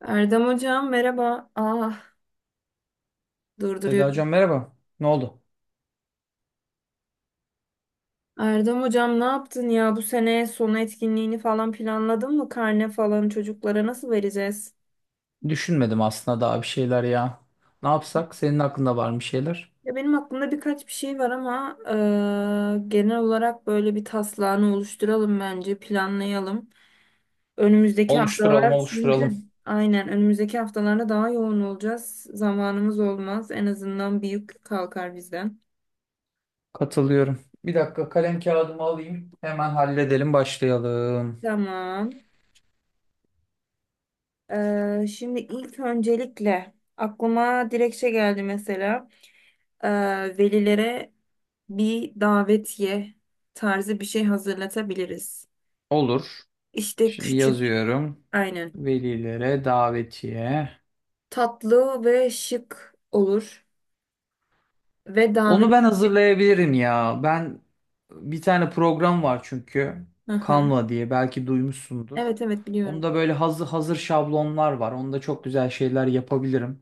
Erdem hocam merhaba. Ah Seda durduruyorum. hocam merhaba. Ne oldu? Erdem hocam ne yaptın ya bu sene sonu etkinliğini falan planladın mı? Karne falan çocuklara nasıl vereceğiz? Düşünmedim aslında daha bir şeyler ya. Ne yapsak? Senin aklında var mı şeyler? Ya benim aklımda birkaç bir şey var ama genel olarak böyle bir taslağını oluşturalım, bence planlayalım. Önümüzdeki Oluşturalım, haftalar oluşturalım. çünkü aynen önümüzdeki haftalarda daha yoğun olacağız. Zamanımız olmaz. En azından bir yük kalkar bizden. Katılıyorum. Bir dakika kalem kağıdımı alayım. Hemen halledelim, başlayalım. Tamam. Şimdi ilk öncelikle aklıma direkt şey geldi, mesela Ee, velilere bir davetiye tarzı bir şey hazırlatabiliriz. Olur. İşte Şimdi küçük, yazıyorum. aynen, Velilere davetiye. tatlı ve şık olur ve Onu ben davet. hazırlayabilirim ya. Ben bir tane program var çünkü. Hı hı. Canva diye belki duymuşsundur. Evet evet, biliyorum. Onda böyle hazır hazır şablonlar var. Onda çok güzel şeyler yapabilirim.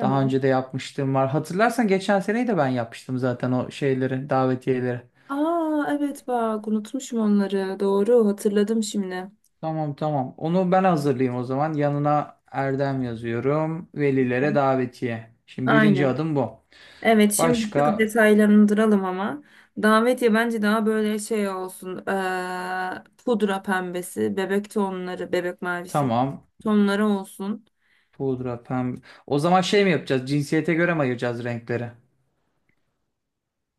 Daha önce de yapmıştım var. Hatırlarsan geçen seneyi de ben yapmıştım zaten o şeyleri, davetiyeleri. Aa evet, bak unutmuşum onları, doğru hatırladım şimdi. Tamam tamam. Onu ben hazırlayayım o zaman. Yanına Erdem yazıyorum. Velilere davetiye. Şimdi birinci Aynen. adım bu. Evet, şimdi bir tık Başka detaylandıralım ama. Davetiye bence daha böyle şey olsun. Pudra pembesi, bebek tonları, bebek mavisi tamam. tonları olsun. Pudra, pembe. O zaman şey mi yapacağız? Cinsiyete göre mi ayıracağız renkleri?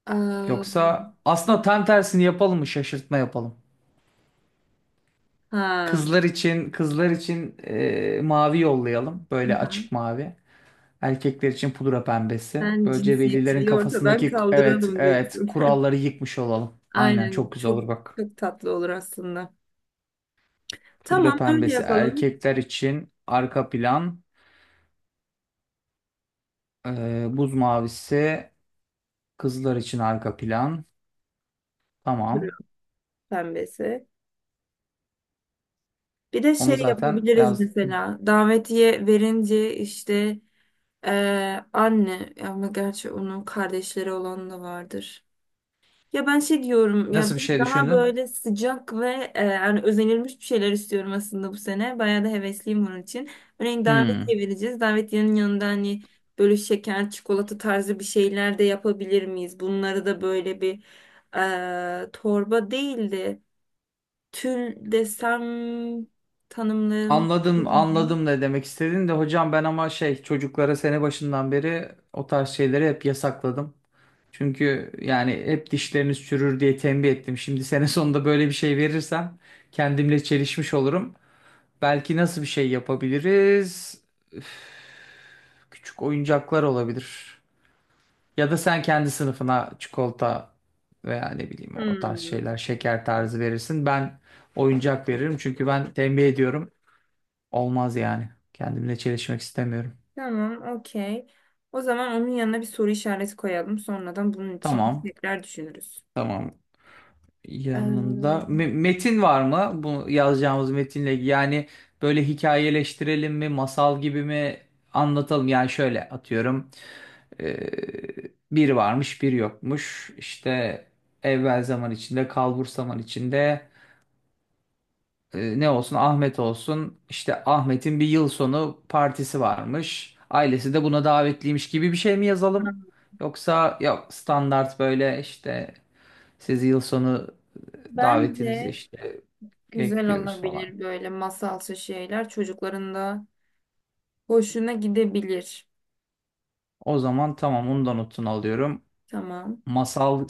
Eee, Yoksa aslında tam tersini yapalım mı? Şaşırtma yapalım. ha, Kızlar için kızlar için mavi yollayalım. Böyle aha. açık mavi. Erkekler için pudra pembesi. Sen Böylece velilerin cinsiyetçiliği ortadan kafasındaki evet kaldıralım evet diyorsun. kuralları yıkmış olalım. Aynen çok Aynen, güzel çok olur bak. çok tatlı olur aslında. Pudra Tamam, öyle pembesi yapalım. erkekler için arka plan. Buz mavisi kızlar için arka plan. Duruyor Tamam. pembesi. Bir de Onu şey zaten yapabiliriz, yazdım. mesela davetiye verince işte anne, ama gerçi onun kardeşleri olan da vardır. Ya ben şey diyorum ya, Nasıl bir böyle şey daha düşündün? böyle sıcak ve yani özenilmiş bir şeyler istiyorum aslında bu sene. Bayağı da hevesliyim bunun için. Örneğin Hmm. davetiye vereceğiz. Davetiyenin yanında hani böyle şeker, çikolata tarzı bir şeyler de yapabilir miyiz? Bunları da böyle bir torba değil de tül desem tanımlayayım. Anladım, Bilmiyorum. anladım ne demek istediğin de hocam ben ama şey çocuklara sene başından beri o tarz şeyleri hep yasakladım. Çünkü yani hep dişleriniz çürür diye tembih ettim. Şimdi sene sonunda böyle bir şey verirsem kendimle çelişmiş olurum. Belki nasıl bir şey yapabiliriz? Üf, küçük oyuncaklar olabilir. Ya da sen kendi sınıfına çikolata veya ne bileyim o tarz Hmm. şeyler, şeker tarzı verirsin. Ben oyuncak veririm çünkü ben tembih ediyorum. Olmaz yani. Kendimle çelişmek istemiyorum. Tamam, okey. O zaman onun yanına bir soru işareti koyalım. Sonradan bunun için Tamam. tekrar düşünürüz. Yanında Ee, metin var mı? Bu yazacağımız metinle yani böyle hikayeleştirelim mi, masal gibi mi anlatalım? Yani şöyle atıyorum. Ee, bir varmış, bir yokmuş. İşte evvel zaman içinde, kalbur zaman içinde. Ne olsun Ahmet olsun işte Ahmet'in bir yıl sonu partisi varmış. Ailesi de buna davetliymiş gibi bir şey mi yazalım? Yoksa yok standart böyle işte sizi yıl sonu davetinizi Bence işte güzel bekliyoruz falan. olabilir böyle masalsı şeyler. Çocukların da hoşuna gidebilir. O zaman tamam onu da notunu alıyorum. Tamam. Masal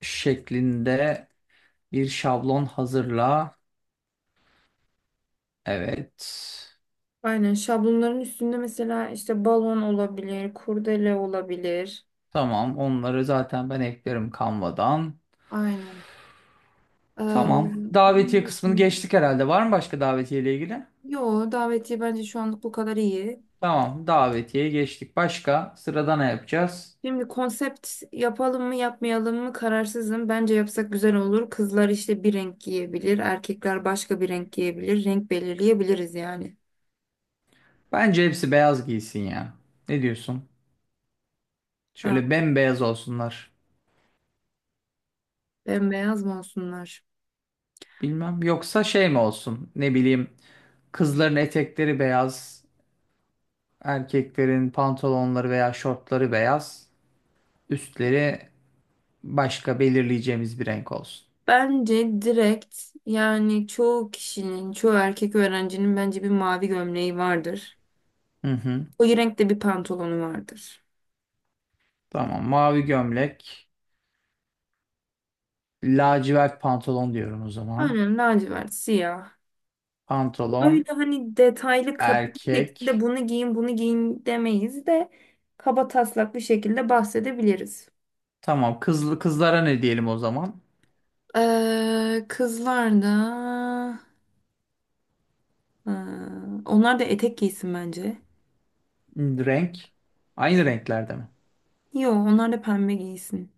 şeklinde bir şablon hazırla. Evet. Aynen, şablonların üstünde mesela işte balon olabilir, kurdele olabilir. Tamam onları zaten ben eklerim Canva'dan. Aynen. Ee, Tamam. onun Davetiye kısmını dışında- geçtik herhalde. Var mı başka davetiye ile ilgili? Yo, davetiye bence şu anlık bu kadar iyi. Tamam. Davetiye geçtik. Başka sırada ne yapacağız? Şimdi konsept yapalım mı yapmayalım mı kararsızım. Bence yapsak güzel olur. Kızlar işte bir renk giyebilir, erkekler başka bir renk giyebilir. Renk belirleyebiliriz yani. Bence hepsi beyaz giysin ya. Ne diyorsun? Ha, Şöyle bembeyaz olsunlar. bembeyaz mı olsunlar? Bilmem. Yoksa şey mi olsun? Ne bileyim. Kızların etekleri beyaz. Erkeklerin pantolonları veya şortları beyaz. Üstleri başka belirleyeceğimiz bir renk olsun. Bence direkt yani çoğu kişinin, çoğu erkek öğrencinin bence bir mavi gömleği vardır. Hı hı. O renkte bir pantolonu vardır. Tamam. Mavi gömlek. Lacivert pantolon diyorum o zaman. Aynen, lacivert, siyah. Öyle Pantolon. hani detaylı katlı bir şekilde Erkek. bunu giyin, bunu giyin demeyiz de kaba taslak bir şekilde bahsedebiliriz. Tamam. Kızlı kızlara ne diyelim o zaman? Kızlar da Ee, onlar da etek giysin bence. Hmm, renk. Aynı renklerde mi? Yo, onlar da pembe giysin.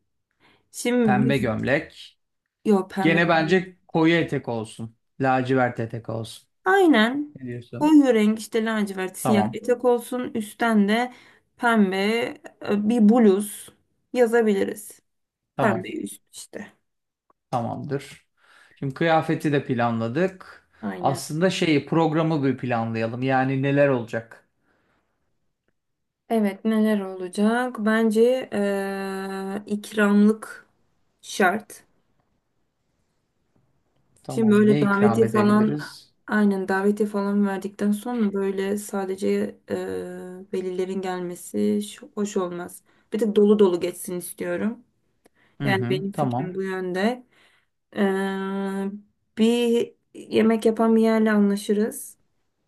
Şimdi Pembe biz gömlek. yo pembe Gene giymeyiz. bence koyu etek olsun. Lacivert etek olsun. Aynen. Ne diyorsun? Koyu renk işte, lacivert siyah Tamam. etek olsun. Üstten de pembe bir bluz yazabiliriz. Pembe Tamam. üst işte. Tamamdır. Şimdi kıyafeti de planladık. Aynen. Aslında şeyi programı bir planlayalım. Yani neler olacak? Evet, neler olacak? Bence ikramlık şart. Şimdi Tamam. böyle Ne ikram davetiye falan, edebiliriz? aynen davetiye falan verdikten sonra böyle sadece e, velilerin gelmesi hoş olmaz. Bir de dolu dolu geçsin istiyorum. Hı Yani hı. benim fikrim Tamam. bu yönde. E, Bir yemek yapan bir yerle anlaşırız.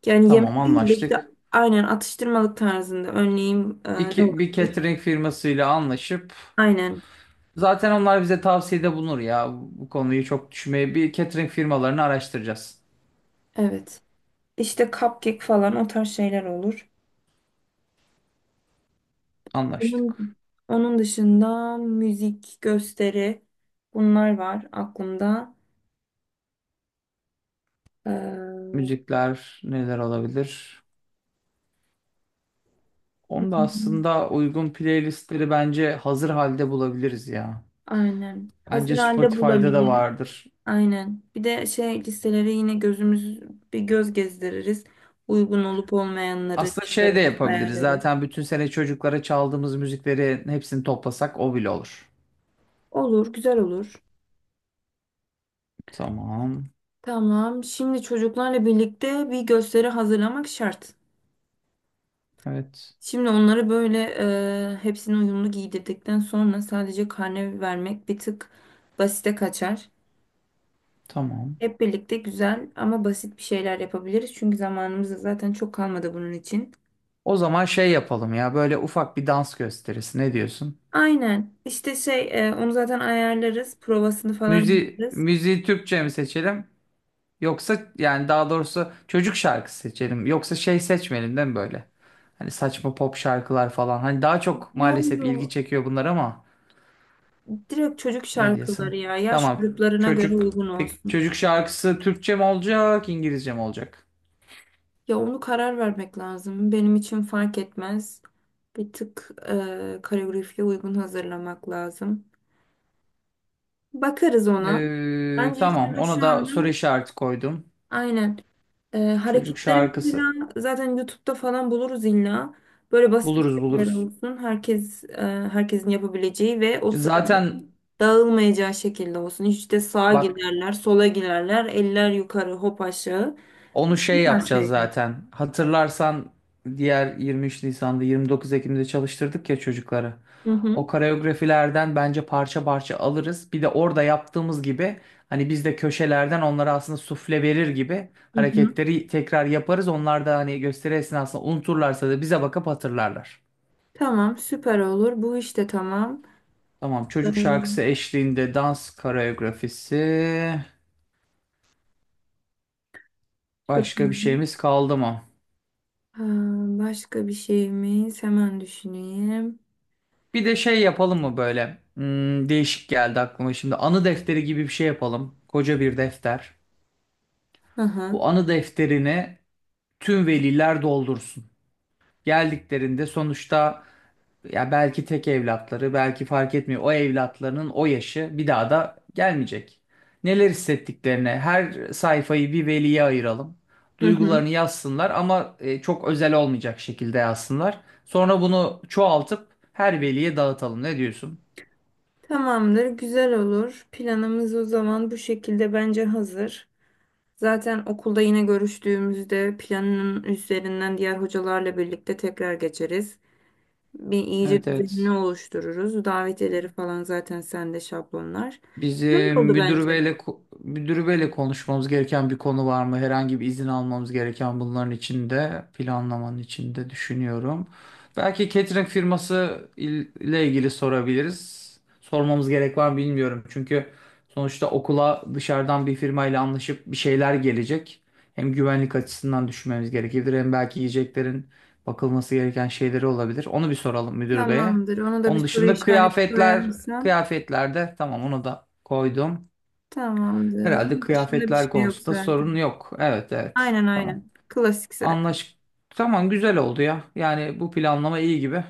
Yani yemek Tamam değil de işte anlaştık. aynen atıştırmalık tarzında, örneğin Bir, ne bir olabilir? catering firmasıyla anlaşıp Aynen zaten onlar bize tavsiyede bulunur ya. Bu konuyu çok düşünmeye bir catering firmalarını araştıracağız. evet. İşte cupcake falan, o tarz şeyler olur. Anlaştık. Onun, onun dışında müzik, gösteri, bunlar var aklımda. Hı Müzikler neler olabilir? Onu da hı. aslında uygun playlistleri bence hazır halde bulabiliriz ya. Aynen. Bence Hazır halde Spotify'da da bulabiliriz. vardır. Aynen. Bir de şey listelere yine gözümüz bir göz gezdiririz. Uygun olup olmayanları Aslında şey de çıkarırız, yapabiliriz. ayarlarız. Zaten bütün sene çocuklara çaldığımız müzikleri hepsini toplasak o bile olur. Olur, güzel olur. Tamam. Tamam. Şimdi çocuklarla birlikte bir gösteri hazırlamak şart. Evet. Şimdi onları böyle hepsini uyumlu giydirdikten sonra sadece karne vermek bir tık basite kaçar. Tamam. Hep birlikte güzel ama basit bir şeyler yapabiliriz. Çünkü zamanımız da zaten çok kalmadı bunun için. O zaman şey yapalım ya. Böyle ufak bir dans gösterisi. Ne diyorsun? Aynen. İşte şey onu zaten ayarlarız. Provasını falan yaparız. Müziği Türkçe mi seçelim? Yoksa yani daha doğrusu çocuk şarkısı seçelim. Yoksa şey seçmeyelim değil mi böyle? Hani saçma pop şarkılar falan. Hani daha çok Yo maalesef ilgi yo. çekiyor bunlar ama Direkt çocuk ne diyorsun? şarkıları ya. Yaş Tamam. gruplarına göre Çocuk uygun peki olsun. çocuk şarkısı Türkçe mi olacak, İngilizce mi olacak? Ya onu karar vermek lazım. Benim için fark etmez. Bir tık koreografiye uygun hazırlamak lazım. Bakarız ona. Bence ilk Tamam. önce Ona şu da soru anda işareti koydum. aynen. Çocuk Hareketleri şarkısı. mesela zaten YouTube'da falan buluruz illa. Böyle basit bir Buluruz şeyler buluruz. olsun. Herkes herkesin yapabileceği ve o sıra Zaten dağılmayacağı şekilde olsun. Hiç de sağa bak girerler, sola girerler, eller yukarı, hop aşağı. onu şey Bu tarz yapacağız şeyler. zaten. Hatırlarsan diğer 23 Nisan'da 29 Ekim'de çalıştırdık ya çocukları. Hı hı. O koreografilerden bence parça parça alırız. Bir de orada yaptığımız gibi hani biz de köşelerden onlara aslında sufle verir gibi Hı hı. hareketleri tekrar yaparız. Onlar da hani gösteri esnasında unuturlarsa da bize bakıp hatırlarlar. Tamam, süper olur. Bu işte tamam. Tamam çocuk Ee, şarkısı eşliğinde dans koreografisi. Süper. Başka bir şeyimiz kaldı mı? Ha, başka bir şeyimiz, hemen düşüneyim. Bir de şey yapalım mı böyle? Hmm, değişik geldi aklıma şimdi. Anı defteri gibi bir şey yapalım. Koca bir defter. Hı Bu hı. anı defterini tüm veliler doldursun. Geldiklerinde sonuçta ya belki tek evlatları, belki fark etmiyor. O evlatlarının o yaşı bir daha da gelmeyecek. Neler hissettiklerini, her sayfayı bir veliye ayıralım. Hı hı. Duygularını yazsınlar ama çok özel olmayacak şekilde yazsınlar. Sonra bunu çoğaltıp her veliye dağıtalım. Ne diyorsun? Tamamdır, güzel olur. Planımız o zaman bu şekilde bence hazır. Zaten okulda yine görüştüğümüzde planın üzerinden diğer hocalarla birlikte tekrar geçeriz. Bir iyice Evet düzenini evet. oluştururuz. Davetiyeleri falan zaten sende şablonlar. Güzel Bizim oldu müdür bence. beyle müdür beyle konuşmamız gereken bir konu var mı? Herhangi bir izin almamız gereken bunların içinde, planlamanın içinde düşünüyorum. Belki catering firması ile ilgili sorabiliriz. Sormamız gerek var mı bilmiyorum. Çünkü sonuçta okula dışarıdan bir firmayla anlaşıp bir şeyler gelecek. Hem güvenlik açısından düşünmemiz gerekebilir hem belki yiyeceklerin bakılması gereken şeyleri olabilir. Onu bir soralım müdür beye. Tamamdır. Ona da bir Onun soru dışında işareti kıyafetler, koyarsan. kıyafetlerde tamam onu da koydum. Tamamdır. Herhalde Onun dışında bir kıyafetler şey yok konusunda sorun zaten. yok. Evet evet. Aynen Tamam. aynen. Klasik zaten. Anlaş. Tamam güzel oldu ya. Yani bu planlama iyi gibi.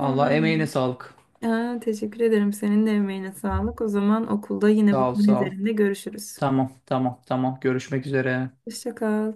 Vallahi emeğine sağlık. Aa, teşekkür ederim. Senin de emeğine sağlık. O zaman okulda yine Sağ bu ol konu sağ ol. üzerinde görüşürüz. Tamam tamam tamam. Görüşmek üzere. Hoşça kal.